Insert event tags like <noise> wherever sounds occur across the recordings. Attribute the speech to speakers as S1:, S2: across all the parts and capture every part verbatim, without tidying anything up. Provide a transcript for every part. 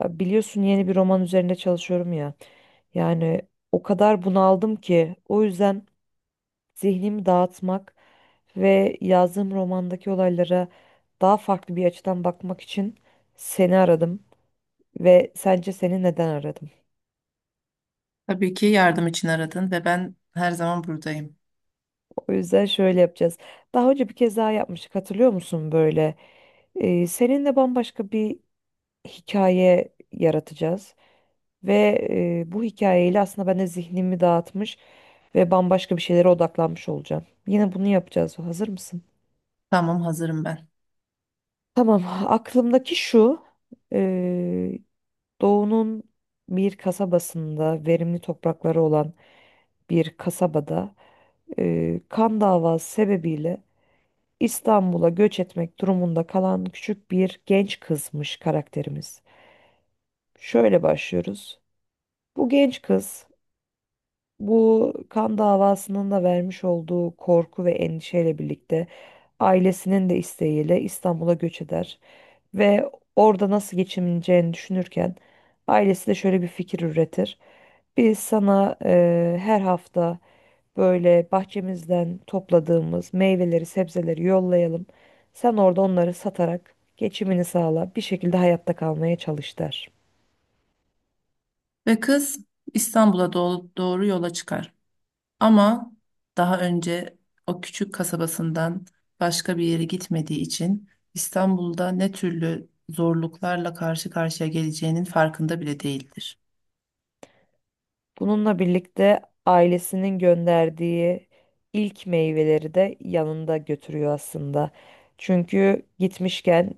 S1: Ya, biliyorsun yeni bir roman üzerinde çalışıyorum ya. Yani o kadar bunaldım ki o yüzden zihnimi dağıtmak ve yazdığım romandaki olaylara daha farklı bir açıdan bakmak için seni aradım ve sence seni neden aradım?
S2: Tabii ki yardım için aradın ve ben her zaman buradayım.
S1: O yüzden şöyle yapacağız. Daha önce bir kez daha yapmıştık, hatırlıyor musun böyle? Ee, seninle bambaşka bir hikaye yaratacağız. Ve e, bu hikayeyle aslında ben de zihnimi dağıtmış ve bambaşka bir şeylere odaklanmış olacağım. Yine bunu yapacağız. Hazır mısın?
S2: Tamam, hazırım ben.
S1: Tamam. Aklımdaki şu. e, Doğu'nun bir kasabasında, verimli toprakları olan bir kasabada, e, kan davası sebebiyle İstanbul'a göç etmek durumunda kalan küçük bir genç kızmış karakterimiz. Şöyle başlıyoruz. Bu genç kız, bu kan davasının da vermiş olduğu korku ve endişeyle birlikte ailesinin de isteğiyle İstanbul'a göç eder ve orada nasıl geçineceğini düşünürken ailesi de şöyle bir fikir üretir. Biz sana eee, her hafta böyle bahçemizden topladığımız meyveleri, sebzeleri yollayalım. Sen orada onları satarak geçimini sağla, bir şekilde hayatta kalmaya çalış der.
S2: Ve kız İstanbul'a doğru, doğru yola çıkar. Ama daha önce o küçük kasabasından başka bir yere gitmediği için İstanbul'da ne türlü zorluklarla karşı karşıya geleceğinin farkında bile değildir.
S1: Bununla birlikte ailesinin gönderdiği ilk meyveleri de yanında götürüyor aslında. Çünkü gitmişken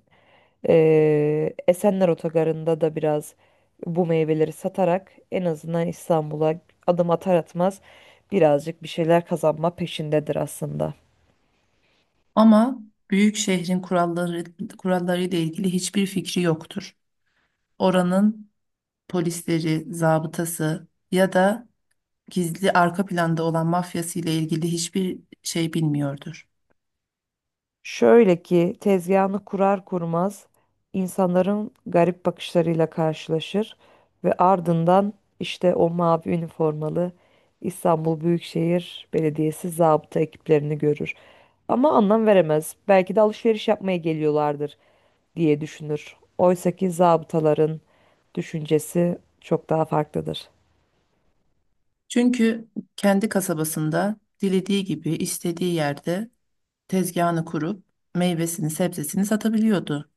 S1: eee, Esenler Otogarı'nda da biraz bu meyveleri satarak en azından İstanbul'a adım atar atmaz birazcık bir şeyler kazanma peşindedir aslında.
S2: Ama büyük şehrin kuralları kurallarıyla ilgili hiçbir fikri yoktur. Oranın polisleri, zabıtası ya da gizli arka planda olan mafyası ile ilgili hiçbir şey bilmiyordur.
S1: Şöyle ki tezgahını kurar kurmaz insanların garip bakışlarıyla karşılaşır ve ardından işte o mavi üniformalı İstanbul Büyükşehir Belediyesi zabıta ekiplerini görür. Ama anlam veremez. Belki de alışveriş yapmaya geliyorlardır diye düşünür. Oysaki zabıtaların düşüncesi çok daha farklıdır.
S2: Çünkü kendi kasabasında dilediği gibi istediği yerde tezgahını kurup meyvesini sebzesini satabiliyordu.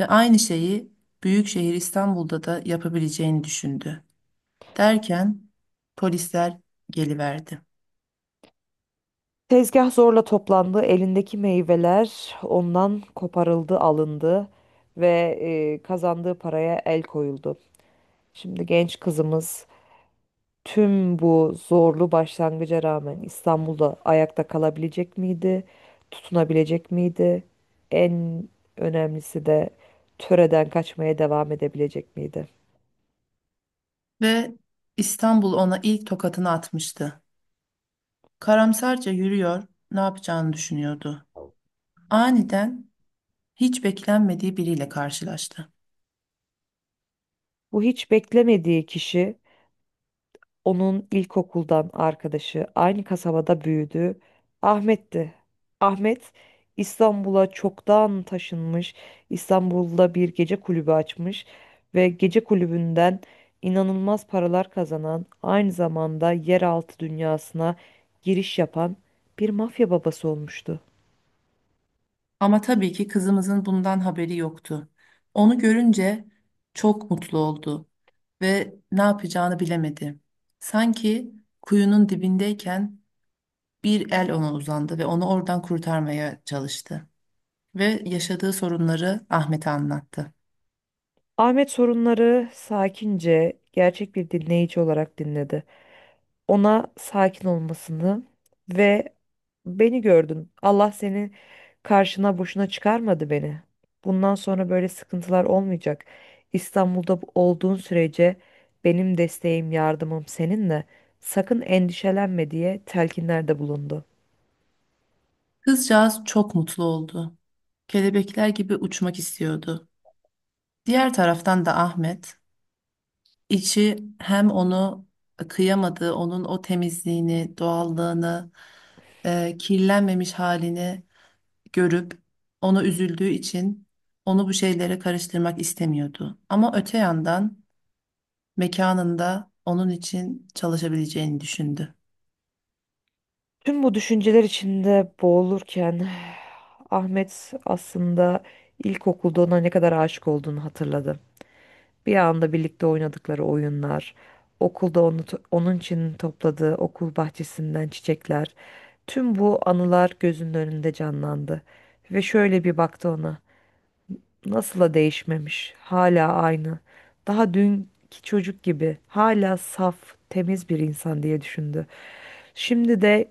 S2: Ve aynı şeyi büyük şehir İstanbul'da da yapabileceğini düşündü. Derken polisler geliverdi
S1: Tezgah zorla toplandı, elindeki meyveler ondan koparıldı, alındı ve e, kazandığı paraya el koyuldu. Şimdi genç kızımız tüm bu zorlu başlangıca rağmen İstanbul'da ayakta kalabilecek miydi? Tutunabilecek miydi? En önemlisi de töreden kaçmaya devam edebilecek miydi?
S2: ve İstanbul ona ilk tokatını atmıştı. Karamsarca yürüyor, ne yapacağını düşünüyordu. Aniden hiç beklenmediği biriyle karşılaştı.
S1: Bu hiç beklemediği kişi, onun ilkokuldan arkadaşı, aynı kasabada büyüdü. Ahmet'ti. Ahmet İstanbul'a çoktan taşınmış. İstanbul'da bir gece kulübü açmış ve gece kulübünden inanılmaz paralar kazanan, aynı zamanda yeraltı dünyasına giriş yapan bir mafya babası olmuştu.
S2: Ama tabii ki kızımızın bundan haberi yoktu. Onu görünce çok mutlu oldu ve ne yapacağını bilemedi. Sanki kuyunun dibindeyken bir el ona uzandı ve onu oradan kurtarmaya çalıştı. Ve yaşadığı sorunları Ahmet'e anlattı.
S1: Ahmet sorunları sakince, gerçek bir dinleyici olarak dinledi. Ona sakin olmasını ve beni gördün. Allah seni karşına boşuna çıkarmadı beni. Bundan sonra böyle sıkıntılar olmayacak. İstanbul'da bu- olduğun sürece benim desteğim, yardımım seninle. Sakın endişelenme diye telkinlerde bulundu.
S2: Kızcağız çok mutlu oldu. Kelebekler gibi uçmak istiyordu. Diğer taraftan da Ahmet İçi hem onu kıyamadığı, onun o temizliğini, doğallığını, e, kirlenmemiş halini görüp onu üzüldüğü için onu bu şeylere karıştırmak istemiyordu. Ama öte yandan mekanında onun için çalışabileceğini düşündü.
S1: Tüm bu düşünceler içinde boğulurken <sighs> Ahmet aslında ilkokulda ona ne kadar aşık olduğunu hatırladı. Bir anda birlikte oynadıkları oyunlar, okulda onu, onun için topladığı okul bahçesinden çiçekler, tüm bu anılar gözünün önünde canlandı. Ve şöyle bir baktı ona. Nasıl da değişmemiş, hala aynı. Daha dünkü çocuk gibi, hala saf, temiz bir insan diye düşündü. Şimdi de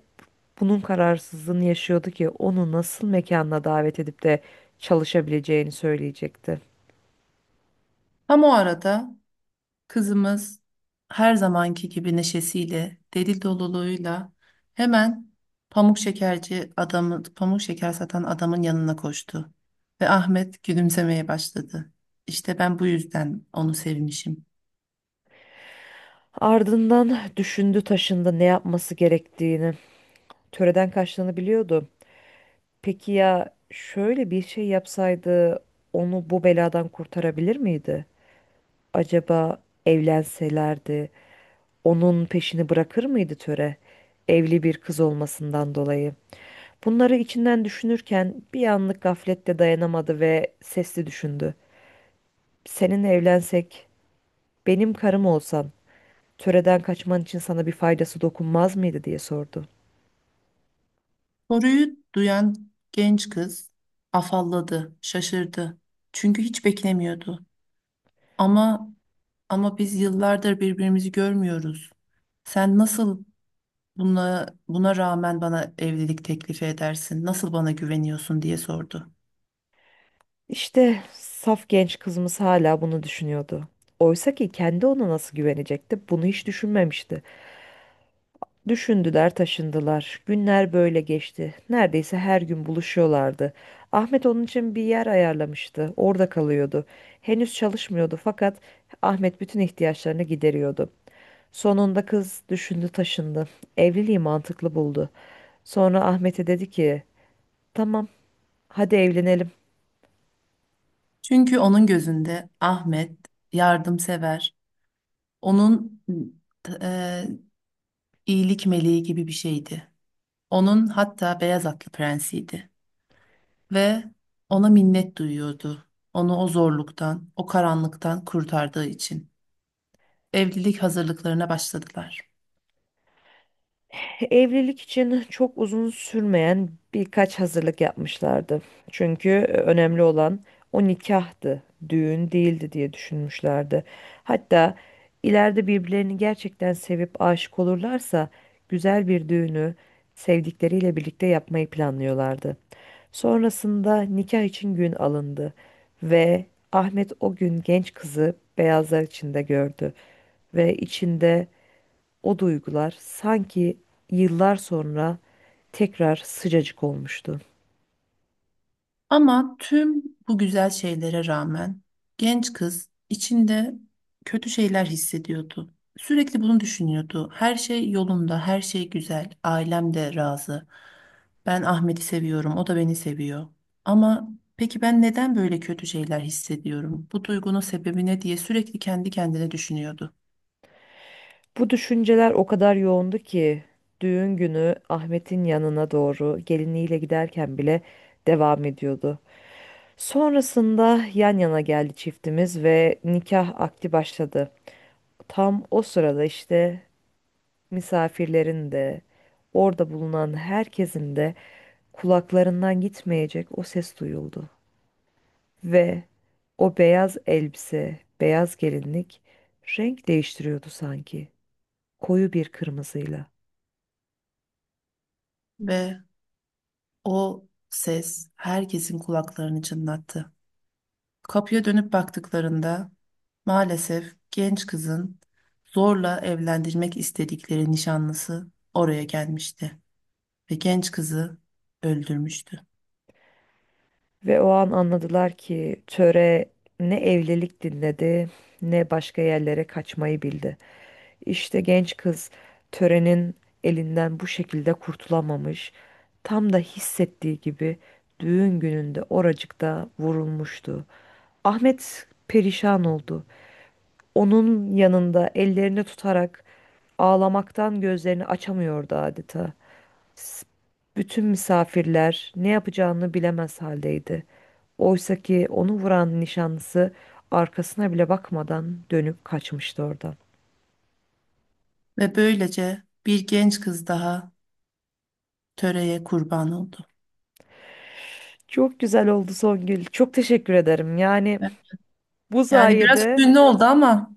S1: bunun kararsızlığını yaşıyordu ki onu nasıl mekanına davet edip de çalışabileceğini söyleyecekti.
S2: Tam o arada kızımız her zamanki gibi neşesiyle, deli doluluğuyla hemen pamuk şekerci adamı, pamuk şeker satan adamın yanına koştu. Ve Ahmet gülümsemeye başladı. İşte ben bu yüzden onu sevmişim.
S1: Ardından düşündü taşındı ne yapması gerektiğini. Töreden kaçtığını biliyordu. Peki ya şöyle bir şey yapsaydı onu bu beladan kurtarabilir miydi? Acaba evlenselerdi onun peşini bırakır mıydı töre? Evli bir kız olmasından dolayı. Bunları içinden düşünürken bir anlık gaflette dayanamadı ve sesli düşündü. Seninle evlensek, benim karım olsan, töreden kaçman için sana bir faydası dokunmaz mıydı diye sordu.
S2: Soruyu duyan genç kız afalladı, şaşırdı. Çünkü hiç beklemiyordu. Ama ama biz yıllardır birbirimizi görmüyoruz. Sen nasıl buna, buna rağmen bana evlilik teklifi edersin, nasıl bana güveniyorsun diye sordu.
S1: İşte saf genç kızımız hala bunu düşünüyordu. Oysa ki kendi ona nasıl güvenecekti, bunu hiç düşünmemişti. Düşündüler, taşındılar. Günler böyle geçti. Neredeyse her gün buluşuyorlardı. Ahmet onun için bir yer ayarlamıştı. Orada kalıyordu. Henüz çalışmıyordu fakat Ahmet bütün ihtiyaçlarını gideriyordu. Sonunda kız düşündü, taşındı. Evliliği mantıklı buldu. Sonra Ahmet'e dedi ki, "Tamam, hadi evlenelim."
S2: Çünkü onun gözünde Ahmet yardımsever, onun e, iyilik meleği gibi bir şeydi. Onun hatta beyaz atlı prensiydi ve ona minnet duyuyordu. Onu o zorluktan, o karanlıktan kurtardığı için. Evlilik hazırlıklarına başladılar.
S1: Evlilik için çok uzun sürmeyen birkaç hazırlık yapmışlardı. Çünkü e, önemli olan o nikahtı, düğün değildi diye düşünmüşlerdi. Hatta ileride birbirlerini gerçekten sevip aşık olurlarsa güzel bir düğünü sevdikleriyle birlikte yapmayı planlıyorlardı. Sonrasında nikah için gün alındı ve Ahmet o gün genç kızı beyazlar içinde gördü ve içinde o duygular sanki yıllar sonra tekrar sıcacık olmuştu.
S2: Ama tüm bu güzel şeylere rağmen genç kız içinde kötü şeyler hissediyordu. Sürekli bunu düşünüyordu. Her şey yolunda, her şey güzel. Ailem de razı. Ben Ahmet'i seviyorum, o da beni seviyor. Ama peki ben neden böyle kötü şeyler hissediyorum? Bu duygunun sebebi ne diye sürekli kendi kendine düşünüyordu.
S1: Bu düşünceler o kadar yoğundu ki düğün günü Ahmet'in yanına doğru geliniyle giderken bile devam ediyordu. Sonrasında yan yana geldi çiftimiz ve nikah akdi başladı. Tam o sırada işte misafirlerin de, orada bulunan herkesin de kulaklarından gitmeyecek o ses duyuldu. Ve o beyaz elbise, beyaz gelinlik renk değiştiriyordu sanki. Koyu bir kırmızıyla.
S2: Ve o ses herkesin kulaklarını çınlattı. Kapıya dönüp baktıklarında maalesef genç kızın zorla evlendirmek istedikleri nişanlısı oraya gelmişti ve genç kızı öldürmüştü.
S1: Ve o an anladılar ki töre ne evlilik dinledi, ne başka yerlere kaçmayı bildi. İşte genç kız törenin elinden bu şekilde kurtulamamış. Tam da hissettiği gibi düğün gününde oracıkta vurulmuştu. Ahmet perişan oldu. Onun yanında ellerini tutarak ağlamaktan gözlerini açamıyordu adeta. S- Bütün misafirler ne yapacağını bilemez haldeydi. Oysa ki onu vuran nişanlısı arkasına bile bakmadan dönüp kaçmıştı oradan.
S2: Ve böylece bir genç kız daha töreye kurban oldu.
S1: Çok güzel oldu Songül. Çok teşekkür ederim. Yani bu
S2: Yani biraz
S1: sayede...
S2: hüzünlü oldu ama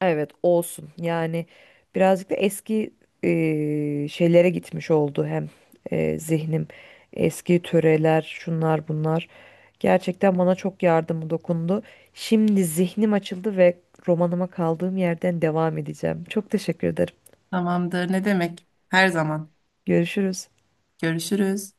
S1: Evet, olsun yani, birazcık da eski e, şeylere gitmiş oldu hem. E, zihnim, eski töreler, şunlar bunlar, gerçekten bana çok yardımı dokundu. Şimdi zihnim açıldı ve romanıma kaldığım yerden devam edeceğim. Çok teşekkür ederim.
S2: tamamdır, ne demek, her zaman.
S1: Görüşürüz.
S2: Görüşürüz.